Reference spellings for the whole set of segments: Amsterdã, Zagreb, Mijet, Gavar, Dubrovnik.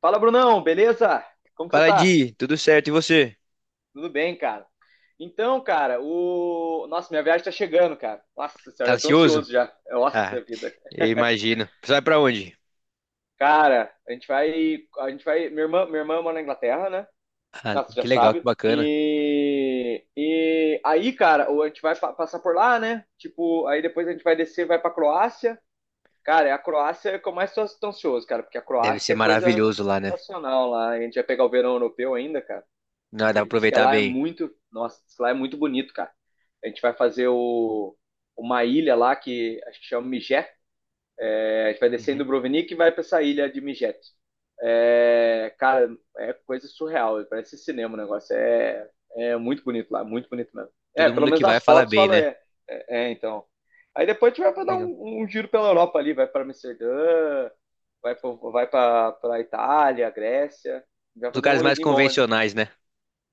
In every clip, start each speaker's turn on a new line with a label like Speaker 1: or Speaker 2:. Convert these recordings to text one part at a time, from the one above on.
Speaker 1: Fala, Brunão, beleza? Como que você
Speaker 2: Fala,
Speaker 1: tá?
Speaker 2: Di, tudo certo? E você?
Speaker 1: Tudo bem, cara. Então, cara, o. Nossa, minha viagem tá chegando, cara. Nossa
Speaker 2: Tá
Speaker 1: senhora, já tô
Speaker 2: ansioso?
Speaker 1: ansioso já.
Speaker 2: Ah,
Speaker 1: Nossa vida.
Speaker 2: eu imagino. Você vai pra onde?
Speaker 1: Cara, a gente vai. A gente vai. Minha irmã mora na Inglaterra, né?
Speaker 2: Ah,
Speaker 1: Ah, você já
Speaker 2: que legal, que
Speaker 1: sabe.
Speaker 2: bacana.
Speaker 1: E. E aí, cara, a gente vai passar por lá, né? Tipo, aí depois a gente vai descer, vai pra Croácia. Cara, é a Croácia que eu mais tô ansioso, cara, porque a
Speaker 2: Deve ser
Speaker 1: Croácia é coisa
Speaker 2: maravilhoso lá, né?
Speaker 1: sensacional lá. A gente vai pegar o verão europeu ainda, cara.
Speaker 2: Não, dá
Speaker 1: Que
Speaker 2: pra
Speaker 1: diz que
Speaker 2: aproveitar
Speaker 1: lá é
Speaker 2: bem.
Speaker 1: muito, nossa, diz que lá é muito bonito, cara. A gente vai fazer o, uma ilha lá que acho que chama Mijet. É, a gente vai descer em
Speaker 2: Uhum.
Speaker 1: Dubrovnik e vai para essa ilha de Mijet. É, cara, é coisa surreal, parece cinema o negócio. É, é muito bonito lá, muito bonito mesmo. É,
Speaker 2: Todo
Speaker 1: pelo
Speaker 2: mundo que
Speaker 1: menos as
Speaker 2: vai fala
Speaker 1: fotos
Speaker 2: bem,
Speaker 1: falam,
Speaker 2: né?
Speaker 1: então. Aí depois a gente vai pra dar um,
Speaker 2: Legal.
Speaker 1: um giro pela Europa ali, vai para Amsterdã, vai para Itália, Grécia, vai
Speaker 2: Os
Speaker 1: fazer um
Speaker 2: lugares mais
Speaker 1: rolezinho bom. Né?
Speaker 2: convencionais, né?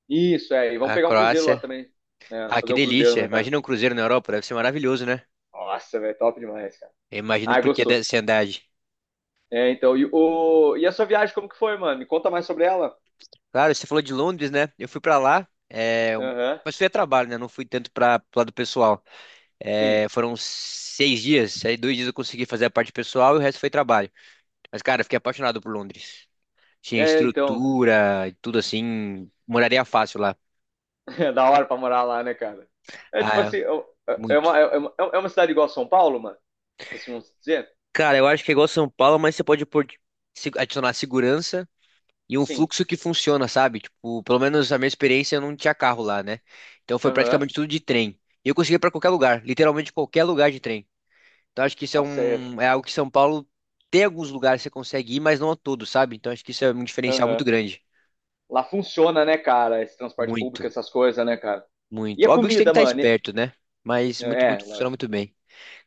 Speaker 1: Isso, é. E
Speaker 2: A
Speaker 1: vamos pegar um cruzeiro
Speaker 2: Croácia.
Speaker 1: lá também. É,
Speaker 2: Ah, que
Speaker 1: fazer um cruzeiro,
Speaker 2: delícia.
Speaker 1: né, tá?
Speaker 2: Imagina um cruzeiro na Europa, deve ser maravilhoso, né?
Speaker 1: Nossa, velho, top demais, cara.
Speaker 2: Eu imagino
Speaker 1: Ah,
Speaker 2: por que dessa
Speaker 1: gostou.
Speaker 2: ansiedade.
Speaker 1: É, então, e, o... e a sua viagem, como que foi, mano? Me conta mais sobre ela.
Speaker 2: Claro, você falou de Londres, né? Eu fui pra lá,
Speaker 1: Aham,
Speaker 2: mas fui a trabalho, né? Não fui tanto pro lado pessoal.
Speaker 1: sim.
Speaker 2: É, foram 6 dias, aí 2 dias eu consegui fazer a parte pessoal e o resto foi trabalho. Mas, cara, eu fiquei apaixonado por Londres. Tinha
Speaker 1: É, então,
Speaker 2: estrutura e tudo assim. Moraria fácil lá.
Speaker 1: é da hora pra morar lá, né, cara? É
Speaker 2: Ah,
Speaker 1: tipo
Speaker 2: é,
Speaker 1: assim, é
Speaker 2: muito.
Speaker 1: uma, é uma cidade igual a São Paulo, mano? Tipo assim, vamos dizer?
Speaker 2: Cara, eu acho que é igual São Paulo, mas você pode adicionar segurança e um
Speaker 1: Sim.
Speaker 2: fluxo que funciona, sabe? Tipo, pelo menos a minha experiência, eu não tinha carro lá, né? Então foi
Speaker 1: Aham.
Speaker 2: praticamente tudo de trem. E eu consegui ir pra qualquer lugar, literalmente qualquer lugar de trem. Então acho que isso é
Speaker 1: Nossa,
Speaker 2: um, é algo que São Paulo tem alguns lugares que você consegue ir, mas não a todos, sabe? Então acho que isso é um diferencial
Speaker 1: aham.
Speaker 2: muito grande.
Speaker 1: Lá funciona, né, cara? Esse transporte público,
Speaker 2: Muito.
Speaker 1: essas coisas, né, cara? E
Speaker 2: Muito.
Speaker 1: a
Speaker 2: Óbvio que você tem que
Speaker 1: comida,
Speaker 2: estar
Speaker 1: mano? E-
Speaker 2: esperto, né? Mas muito, muito,
Speaker 1: É,
Speaker 2: funciona
Speaker 1: lógico.
Speaker 2: muito bem.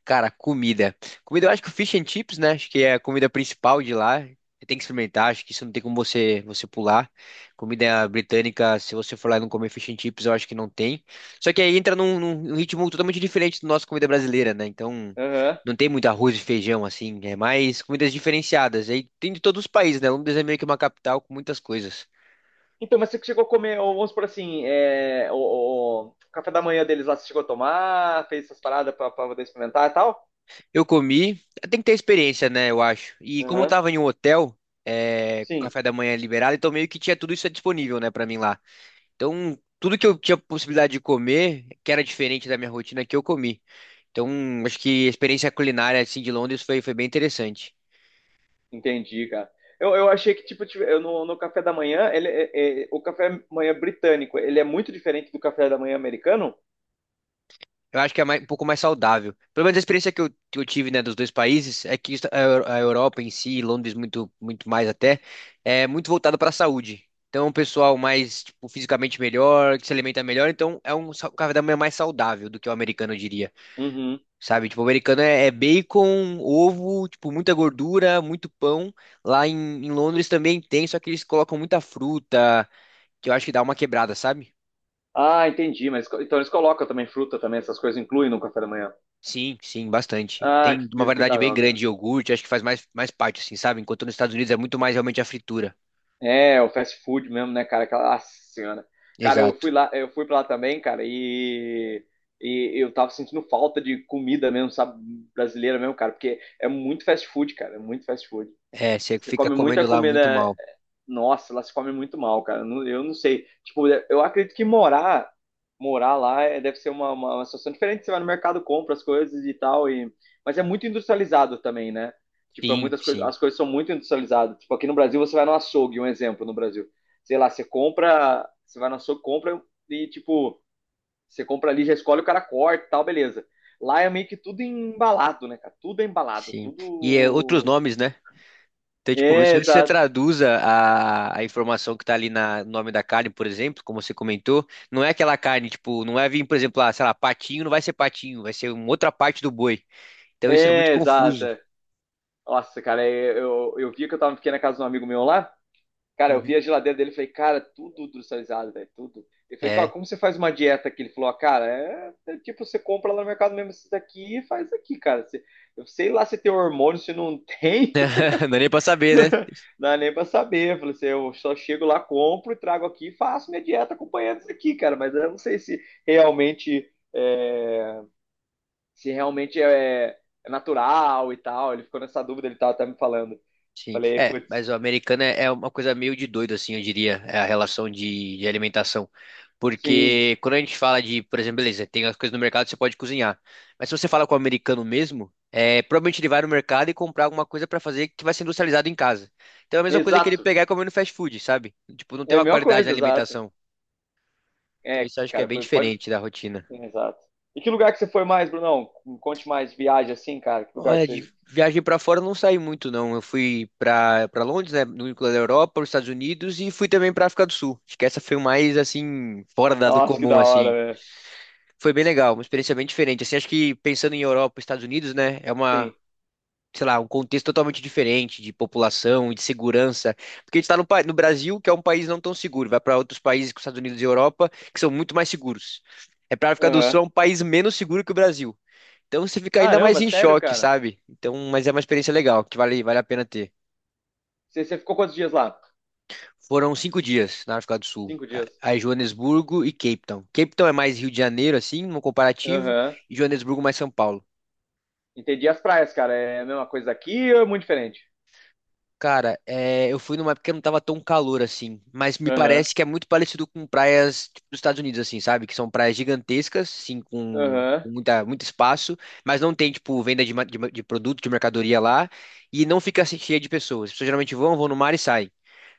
Speaker 2: Cara, comida. Comida, eu acho que o fish and chips, né? Acho que é a comida principal de lá. Você tem que experimentar, acho que isso não tem como você pular. Comida britânica, se você for lá e não comer fish and chips, eu acho que não tem. Só que aí entra num ritmo totalmente diferente do nosso comida brasileira, né? Então,
Speaker 1: Aham.
Speaker 2: não tem muito arroz e feijão, assim. É mais comidas diferenciadas. Aí tem de todos os países, né? Londres é meio que uma capital com muitas coisas.
Speaker 1: Então, mas você chegou a comer, ou vamos por assim, é, o café da manhã deles lá, você chegou a tomar, fez essas paradas pra poder experimentar e tal?
Speaker 2: Eu comi, tem que ter experiência, né, eu acho. E como eu
Speaker 1: Aham.
Speaker 2: tava em um hotel, é, com
Speaker 1: Sim,
Speaker 2: café da manhã liberado, então meio que tinha tudo isso disponível, né, pra mim lá. Então, tudo que eu tinha possibilidade de comer, que era diferente da minha rotina, que eu comi. Então, acho que a experiência culinária, assim, de Londres foi bem interessante.
Speaker 1: entendi, cara. Eu achei que, tipo, eu, no café da manhã, ele, o café da manhã britânico, ele é muito diferente do café da manhã americano?
Speaker 2: Eu acho que é mais um pouco mais saudável. Pelo menos a experiência que eu tive, né, dos dois países é que a a Europa em si, Londres muito, muito mais até, é muito voltada para a saúde. Então, o pessoal mais, tipo, fisicamente melhor, que se alimenta melhor, então é um sa- café da manhã mais saudável do que o americano, eu diria.
Speaker 1: Uhum.
Speaker 2: Sabe? Tipo, o americano é bacon, ovo, tipo, muita gordura, muito pão. Lá em Londres também tem, só que eles colocam muita fruta, que eu acho que dá uma quebrada, sabe?
Speaker 1: Ah, entendi, mas então eles colocam também fruta também, essas coisas incluem no café da manhã.
Speaker 2: Sim, sim, bastante.
Speaker 1: Ah,
Speaker 2: Tem uma
Speaker 1: que
Speaker 2: variedade
Speaker 1: da
Speaker 2: bem
Speaker 1: hora,
Speaker 2: grande
Speaker 1: cara.
Speaker 2: de iogurte, acho que faz mais parte, assim, sabe? Enquanto nos Estados Unidos é muito mais realmente a fritura.
Speaker 1: É, o fast food mesmo, né, cara? Aquela nossa senhora. Cara, eu
Speaker 2: Exato.
Speaker 1: fui lá, eu fui pra lá também, cara, e eu tava sentindo falta de comida mesmo, sabe? Brasileira mesmo, cara, porque é muito fast food, cara, é muito fast food.
Speaker 2: É, você
Speaker 1: Você
Speaker 2: fica
Speaker 1: come muita
Speaker 2: comendo lá muito
Speaker 1: comida.
Speaker 2: mal.
Speaker 1: Nossa, lá se come muito mal, cara. Não- Eu não sei. Tipo, eu acredito que morar, morar lá é- deve ser uma, uma situação diferente. Você vai no mercado, compra as coisas e tal. E... Mas é muito industrializado também, né? Tipo, é
Speaker 2: Sim,
Speaker 1: muitas coisas,
Speaker 2: sim,
Speaker 1: as coisas são muito industrializadas. Tipo, aqui no Brasil você vai no açougue, um exemplo no Brasil. Sei lá, você compra, você vai no açougue, compra e tipo, você compra ali, já escolhe, o cara corta e tal, beleza. Lá é meio que tudo embalado, né, cara? Tudo é embalado,
Speaker 2: sim. E é, outros
Speaker 1: tudo.
Speaker 2: nomes, né? Então, tipo, se
Speaker 1: É,
Speaker 2: você
Speaker 1: exato.
Speaker 2: traduza a informação que tá ali na, no nome da carne, por exemplo, como você comentou, não é aquela carne, tipo, não é vir, por exemplo, lá, sei lá, patinho, não vai ser patinho, vai ser uma outra parte do boi. Então isso é muito
Speaker 1: É,
Speaker 2: confuso.
Speaker 1: exata. Nossa, cara, é, eu vi que eu tava fiquei na casa de um amigo meu lá. Cara, eu
Speaker 2: Uhum.
Speaker 1: vi a geladeira dele e falei, cara, tudo industrializado, velho, tudo. Eu falei, cara,
Speaker 2: É,
Speaker 1: como você faz uma dieta aqui? Ele falou, ah, cara, é tipo, você compra lá no mercado mesmo isso daqui e faz aqui, cara. Você- eu sei lá se tem hormônio, se não tem,
Speaker 2: não é nem pra saber, né?
Speaker 1: não dá nem pra saber. Eu falei assim, eu só chego lá, compro e trago aqui e faço minha dieta acompanhando isso aqui, cara. Mas eu não sei se realmente é, se realmente é, é natural e tal. Ele ficou nessa dúvida, ele tava até me falando.
Speaker 2: Sim,
Speaker 1: Falei,
Speaker 2: é, mas
Speaker 1: putz,
Speaker 2: o americano é uma coisa meio de doido, assim, eu diria, é a relação de alimentação.
Speaker 1: sim,
Speaker 2: Porque quando a gente fala de, por exemplo, beleza, tem as coisas no mercado, você pode cozinhar. Mas se você fala com o americano mesmo, é, provavelmente ele vai no mercado e comprar alguma coisa pra fazer que vai ser industrializado em casa. Então é a mesma coisa que ele
Speaker 1: exato.
Speaker 2: pegar e comer no fast food, sabe? Tipo, não tem
Speaker 1: É a
Speaker 2: uma
Speaker 1: mesma
Speaker 2: qualidade na
Speaker 1: coisa, exato.
Speaker 2: alimentação. Então
Speaker 1: É,
Speaker 2: isso eu acho que é
Speaker 1: cara,
Speaker 2: bem
Speaker 1: foi- pode.
Speaker 2: diferente da rotina.
Speaker 1: Exato. E que lugar que você foi mais, Brunão? Me conte mais viagem assim, cara. Que lugar que
Speaker 2: Olha, de
Speaker 1: você.
Speaker 2: viagem pra fora eu não saí muito, não. Eu fui para Londres, né, no núcleo da Europa, os Estados Unidos e fui também para África do Sul. Acho que essa foi mais assim fora do
Speaker 1: Nossa, que
Speaker 2: comum,
Speaker 1: da hora,
Speaker 2: assim.
Speaker 1: velho.
Speaker 2: Foi bem legal, uma experiência bem diferente. Assim, acho que pensando em Europa, Estados Unidos, né, é uma,
Speaker 1: Sim.
Speaker 2: sei lá, um contexto totalmente diferente de população, de segurança, porque a gente tá no, pa- no Brasil, que é um país não tão seguro. Vai para outros países, como Estados Unidos e Europa, que são muito mais seguros. É para África do
Speaker 1: Aham.
Speaker 2: Sul, é um país menos seguro que o Brasil. Então você fica ainda mais
Speaker 1: Caramba,
Speaker 2: em
Speaker 1: sério,
Speaker 2: choque,
Speaker 1: cara?
Speaker 2: sabe? Então, mas é uma experiência legal, que vale a pena ter.
Speaker 1: Você ficou quantos dias lá?
Speaker 2: Foram 5 dias na África do Sul,
Speaker 1: Cinco dias.
Speaker 2: aí Joanesburgo e Cape Town. Cape Town é mais Rio de Janeiro, assim, no comparativo,
Speaker 1: Aham.
Speaker 2: e Joanesburgo mais São Paulo.
Speaker 1: Entendi as praias, cara. É a mesma coisa aqui ou é muito diferente?
Speaker 2: Cara, é, eu fui numa época que não tava tão calor assim, mas me
Speaker 1: Aham.
Speaker 2: parece que é muito parecido com praias tipo, dos Estados Unidos, assim, sabe? Que são praias gigantescas, sim,
Speaker 1: Aham.
Speaker 2: com muita, muito espaço, mas não tem, tipo, venda de produto, de mercadoria lá, e não fica assim, cheia de pessoas. As pessoas geralmente vão no mar e saem.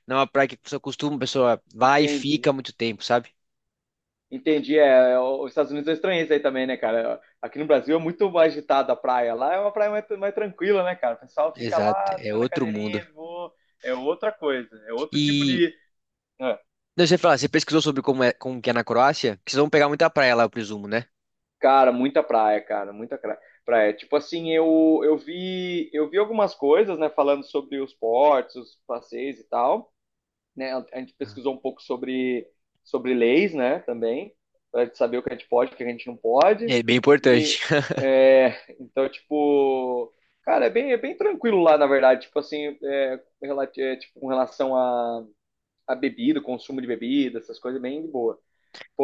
Speaker 2: Não é uma praia que a pessoa costuma, a pessoa vai e fica
Speaker 1: Entendi.
Speaker 2: muito tempo, sabe?
Speaker 1: Entendi, os Estados Unidos eu estranhei aí também, né, cara? Aqui no Brasil é muito mais agitada a praia. Lá é uma praia mais, mais tranquila, né, cara? O pessoal fica
Speaker 2: Exato,
Speaker 1: lá,
Speaker 2: é
Speaker 1: fazendo a
Speaker 2: outro mundo.
Speaker 1: cadeirinha, vou... é outra coisa, é outro tipo
Speaker 2: E
Speaker 1: de... É.
Speaker 2: não, você fala, você pesquisou sobre como é, como que é na Croácia? Porque vocês vão pegar muita praia lá, eu presumo, né?
Speaker 1: Cara, muita praia, cara, praia. Tipo assim, eu vi algumas coisas, né, falando sobre os portos, os passeios e tal. Né? A gente
Speaker 2: Ah.
Speaker 1: pesquisou um pouco sobre, sobre leis, né? Também, para saber o que a gente pode, o que a gente não pode.
Speaker 2: É bem
Speaker 1: E,
Speaker 2: importante.
Speaker 1: é, então, tipo, cara, é bem tranquilo lá, na verdade. Tipo assim, é, é, tipo, com relação a bebida, consumo de bebida, essas coisas, bem de boa.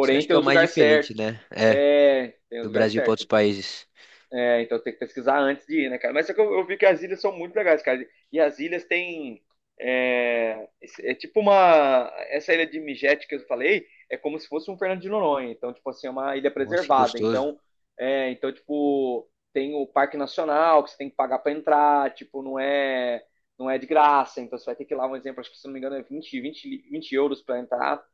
Speaker 2: Isso eu acho que
Speaker 1: tem
Speaker 2: é o
Speaker 1: os
Speaker 2: mais
Speaker 1: lugares
Speaker 2: diferente,
Speaker 1: certos.
Speaker 2: né? É,
Speaker 1: É, tem os
Speaker 2: do
Speaker 1: lugares
Speaker 2: Brasil para outros
Speaker 1: certos.
Speaker 2: países.
Speaker 1: É, então tem que pesquisar antes de ir, né, cara? Mas só que eu vi que as ilhas são muito legais, cara. E as ilhas têm. É, é tipo uma. Essa ilha de Migete que eu falei é como se fosse um Fernando de Noronha. Então, tipo assim, é uma ilha
Speaker 2: Nossa, que
Speaker 1: preservada.
Speaker 2: gostoso.
Speaker 1: Então, é, então tipo, tem o Parque Nacional que você tem que pagar pra entrar. Tipo, não é, não é de graça. Então, você vai ter que ir lá, um exemplo, acho que se não me engano é 20 euros pra entrar.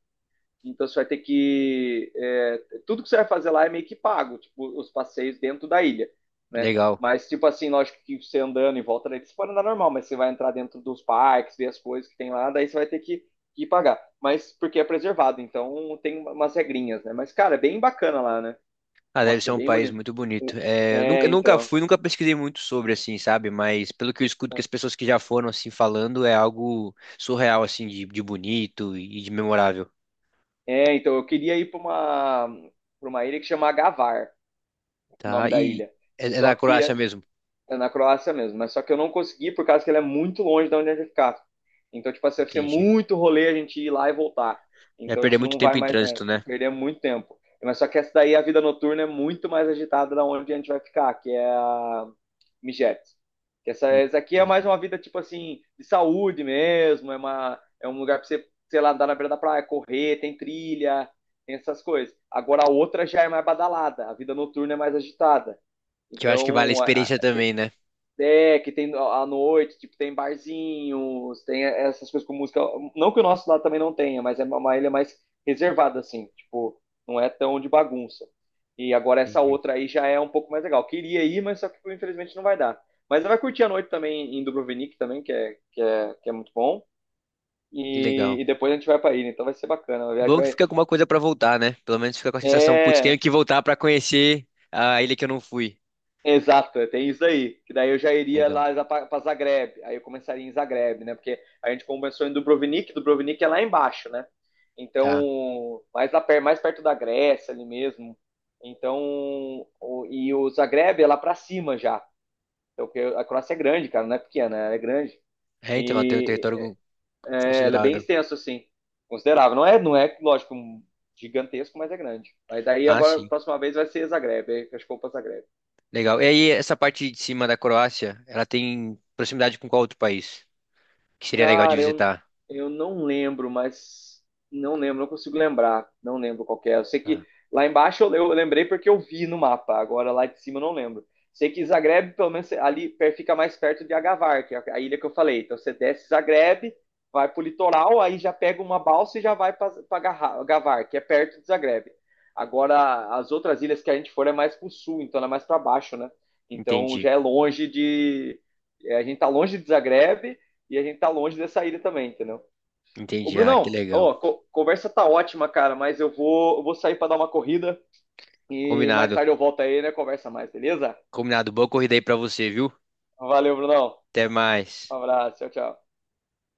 Speaker 1: Então você vai ter que. É, tudo que você vai fazer lá é meio que pago, tipo, os passeios dentro da ilha, né?
Speaker 2: Legal.
Speaker 1: Mas, tipo assim, lógico que você andando em volta daí, você pode andar normal, mas você vai entrar dentro dos parques, ver as coisas que tem lá, daí você vai ter que pagar. Mas porque é preservado, então tem umas regrinhas, né? Mas, cara, é bem bacana lá, né?
Speaker 2: Ah, deve
Speaker 1: Nossa,
Speaker 2: ser
Speaker 1: é
Speaker 2: um
Speaker 1: bem
Speaker 2: país
Speaker 1: bonito.
Speaker 2: muito bonito.
Speaker 1: O-
Speaker 2: É, eu nunca,
Speaker 1: É,
Speaker 2: nunca
Speaker 1: então.
Speaker 2: fui, nunca pesquisei muito sobre, assim, sabe? Mas pelo que eu escuto que as pessoas que já foram, assim, falando, é algo surreal, assim, de bonito e de memorável.
Speaker 1: É, então, eu queria ir para uma ilha que chama Gavar, o
Speaker 2: Tá,
Speaker 1: nome da
Speaker 2: e
Speaker 1: ilha.
Speaker 2: é
Speaker 1: Só
Speaker 2: na
Speaker 1: que
Speaker 2: Croácia mesmo.
Speaker 1: é na Croácia mesmo, mas só que eu não consegui por causa que ele é muito longe da onde a gente ficava. Então, tipo assim, vai ser
Speaker 2: Entendi.
Speaker 1: muito rolê a gente ir lá e voltar.
Speaker 2: Vai
Speaker 1: Então a
Speaker 2: perder
Speaker 1: gente
Speaker 2: muito
Speaker 1: não vai
Speaker 2: tempo em
Speaker 1: mais, né?
Speaker 2: trânsito, né?
Speaker 1: Perder muito tempo. Mas só que essa daí, a vida noturna é muito mais agitada da onde a gente vai ficar, que é a Mijet. Que essa aqui é mais
Speaker 2: Entendi.
Speaker 1: uma vida, tipo assim, de saúde mesmo, é, uma, é um lugar pra você, sei lá, andar na beira da praia, correr, tem trilha, tem essas coisas. Agora a outra já é mais badalada, a vida noturna é mais agitada.
Speaker 2: Que eu acho que vale a
Speaker 1: Então, a,
Speaker 2: experiência também, né?
Speaker 1: é, que tem à noite, tipo, tem barzinhos, tem essas coisas com música. Não que o nosso lado também não tenha, mas é uma ilha mais reservada, assim, tipo, não é tão de bagunça. E agora essa
Speaker 2: Entendi.
Speaker 1: outra aí já é um pouco mais legal. Queria ir, mas só que tipo, infelizmente não vai dar. Mas vai curtir a noite também em Dubrovnik também, que é muito bom.
Speaker 2: Que legal.
Speaker 1: E depois a gente vai pra ilha, então vai ser bacana. A viagem
Speaker 2: Bom que
Speaker 1: vai.
Speaker 2: fica alguma coisa pra voltar, né? Pelo menos fica com a sensação, putz,
Speaker 1: É,
Speaker 2: tenho que voltar pra conhecer a ilha que eu não fui.
Speaker 1: exato, é, tem isso aí. Que daí eu já iria
Speaker 2: Legal.
Speaker 1: lá para Zagreb. Aí eu começaria em Zagreb, né? Porque a gente começou em Dubrovnik, Dubrovnik é lá embaixo, né?
Speaker 2: Tá.
Speaker 1: Então, mais, lá, mais perto da Grécia ali mesmo. Então, e o Zagreb é lá para cima já. Então, porque a Croácia é grande, cara, não é pequena, ela é grande.
Speaker 2: É, então, ela tem um
Speaker 1: E
Speaker 2: território
Speaker 1: é, ela é bem
Speaker 2: considerável.
Speaker 1: extensa assim, considerável. Não é, não é, lógico, um gigantesco, mas é grande. Aí daí
Speaker 2: Ah,
Speaker 1: agora, a
Speaker 2: sim.
Speaker 1: próxima vez vai ser Zagreb. Aí acho que eu vou para Zagreb.
Speaker 2: Legal. E aí, essa parte de cima da Croácia, ela tem proximidade com qual outro país? Que seria legal de
Speaker 1: Cara,
Speaker 2: visitar?
Speaker 1: eu não lembro, mas não lembro, não consigo lembrar. Não lembro qual que é. Eu sei que
Speaker 2: Ah,
Speaker 1: lá embaixo eu lembrei porque eu vi no mapa, agora lá de cima eu não lembro. Sei que Zagreb, pelo menos ali fica mais perto de Agavar, que é a ilha que eu falei. Então você desce Zagreb, vai pro litoral, aí já pega uma balsa e já vai para Agavar, que é perto de Zagreb. Agora, as outras ilhas que a gente for é mais pro sul, então ela é mais para baixo, né? Então
Speaker 2: entendi.
Speaker 1: já é longe de. É, a gente tá longe de Zagreb e a gente tá longe dessa ilha também, entendeu? Ô,
Speaker 2: Entendi. Ah, que
Speaker 1: Brunão,
Speaker 2: legal.
Speaker 1: ó, conversa tá ótima, cara, mas eu vou sair pra dar uma corrida e mais
Speaker 2: Combinado.
Speaker 1: tarde eu volto aí, né? Conversa mais, beleza?
Speaker 2: Combinado. Boa corrida aí pra você, viu?
Speaker 1: Valeu, Brunão.
Speaker 2: Até
Speaker 1: Um
Speaker 2: mais.
Speaker 1: abraço, tchau, tchau.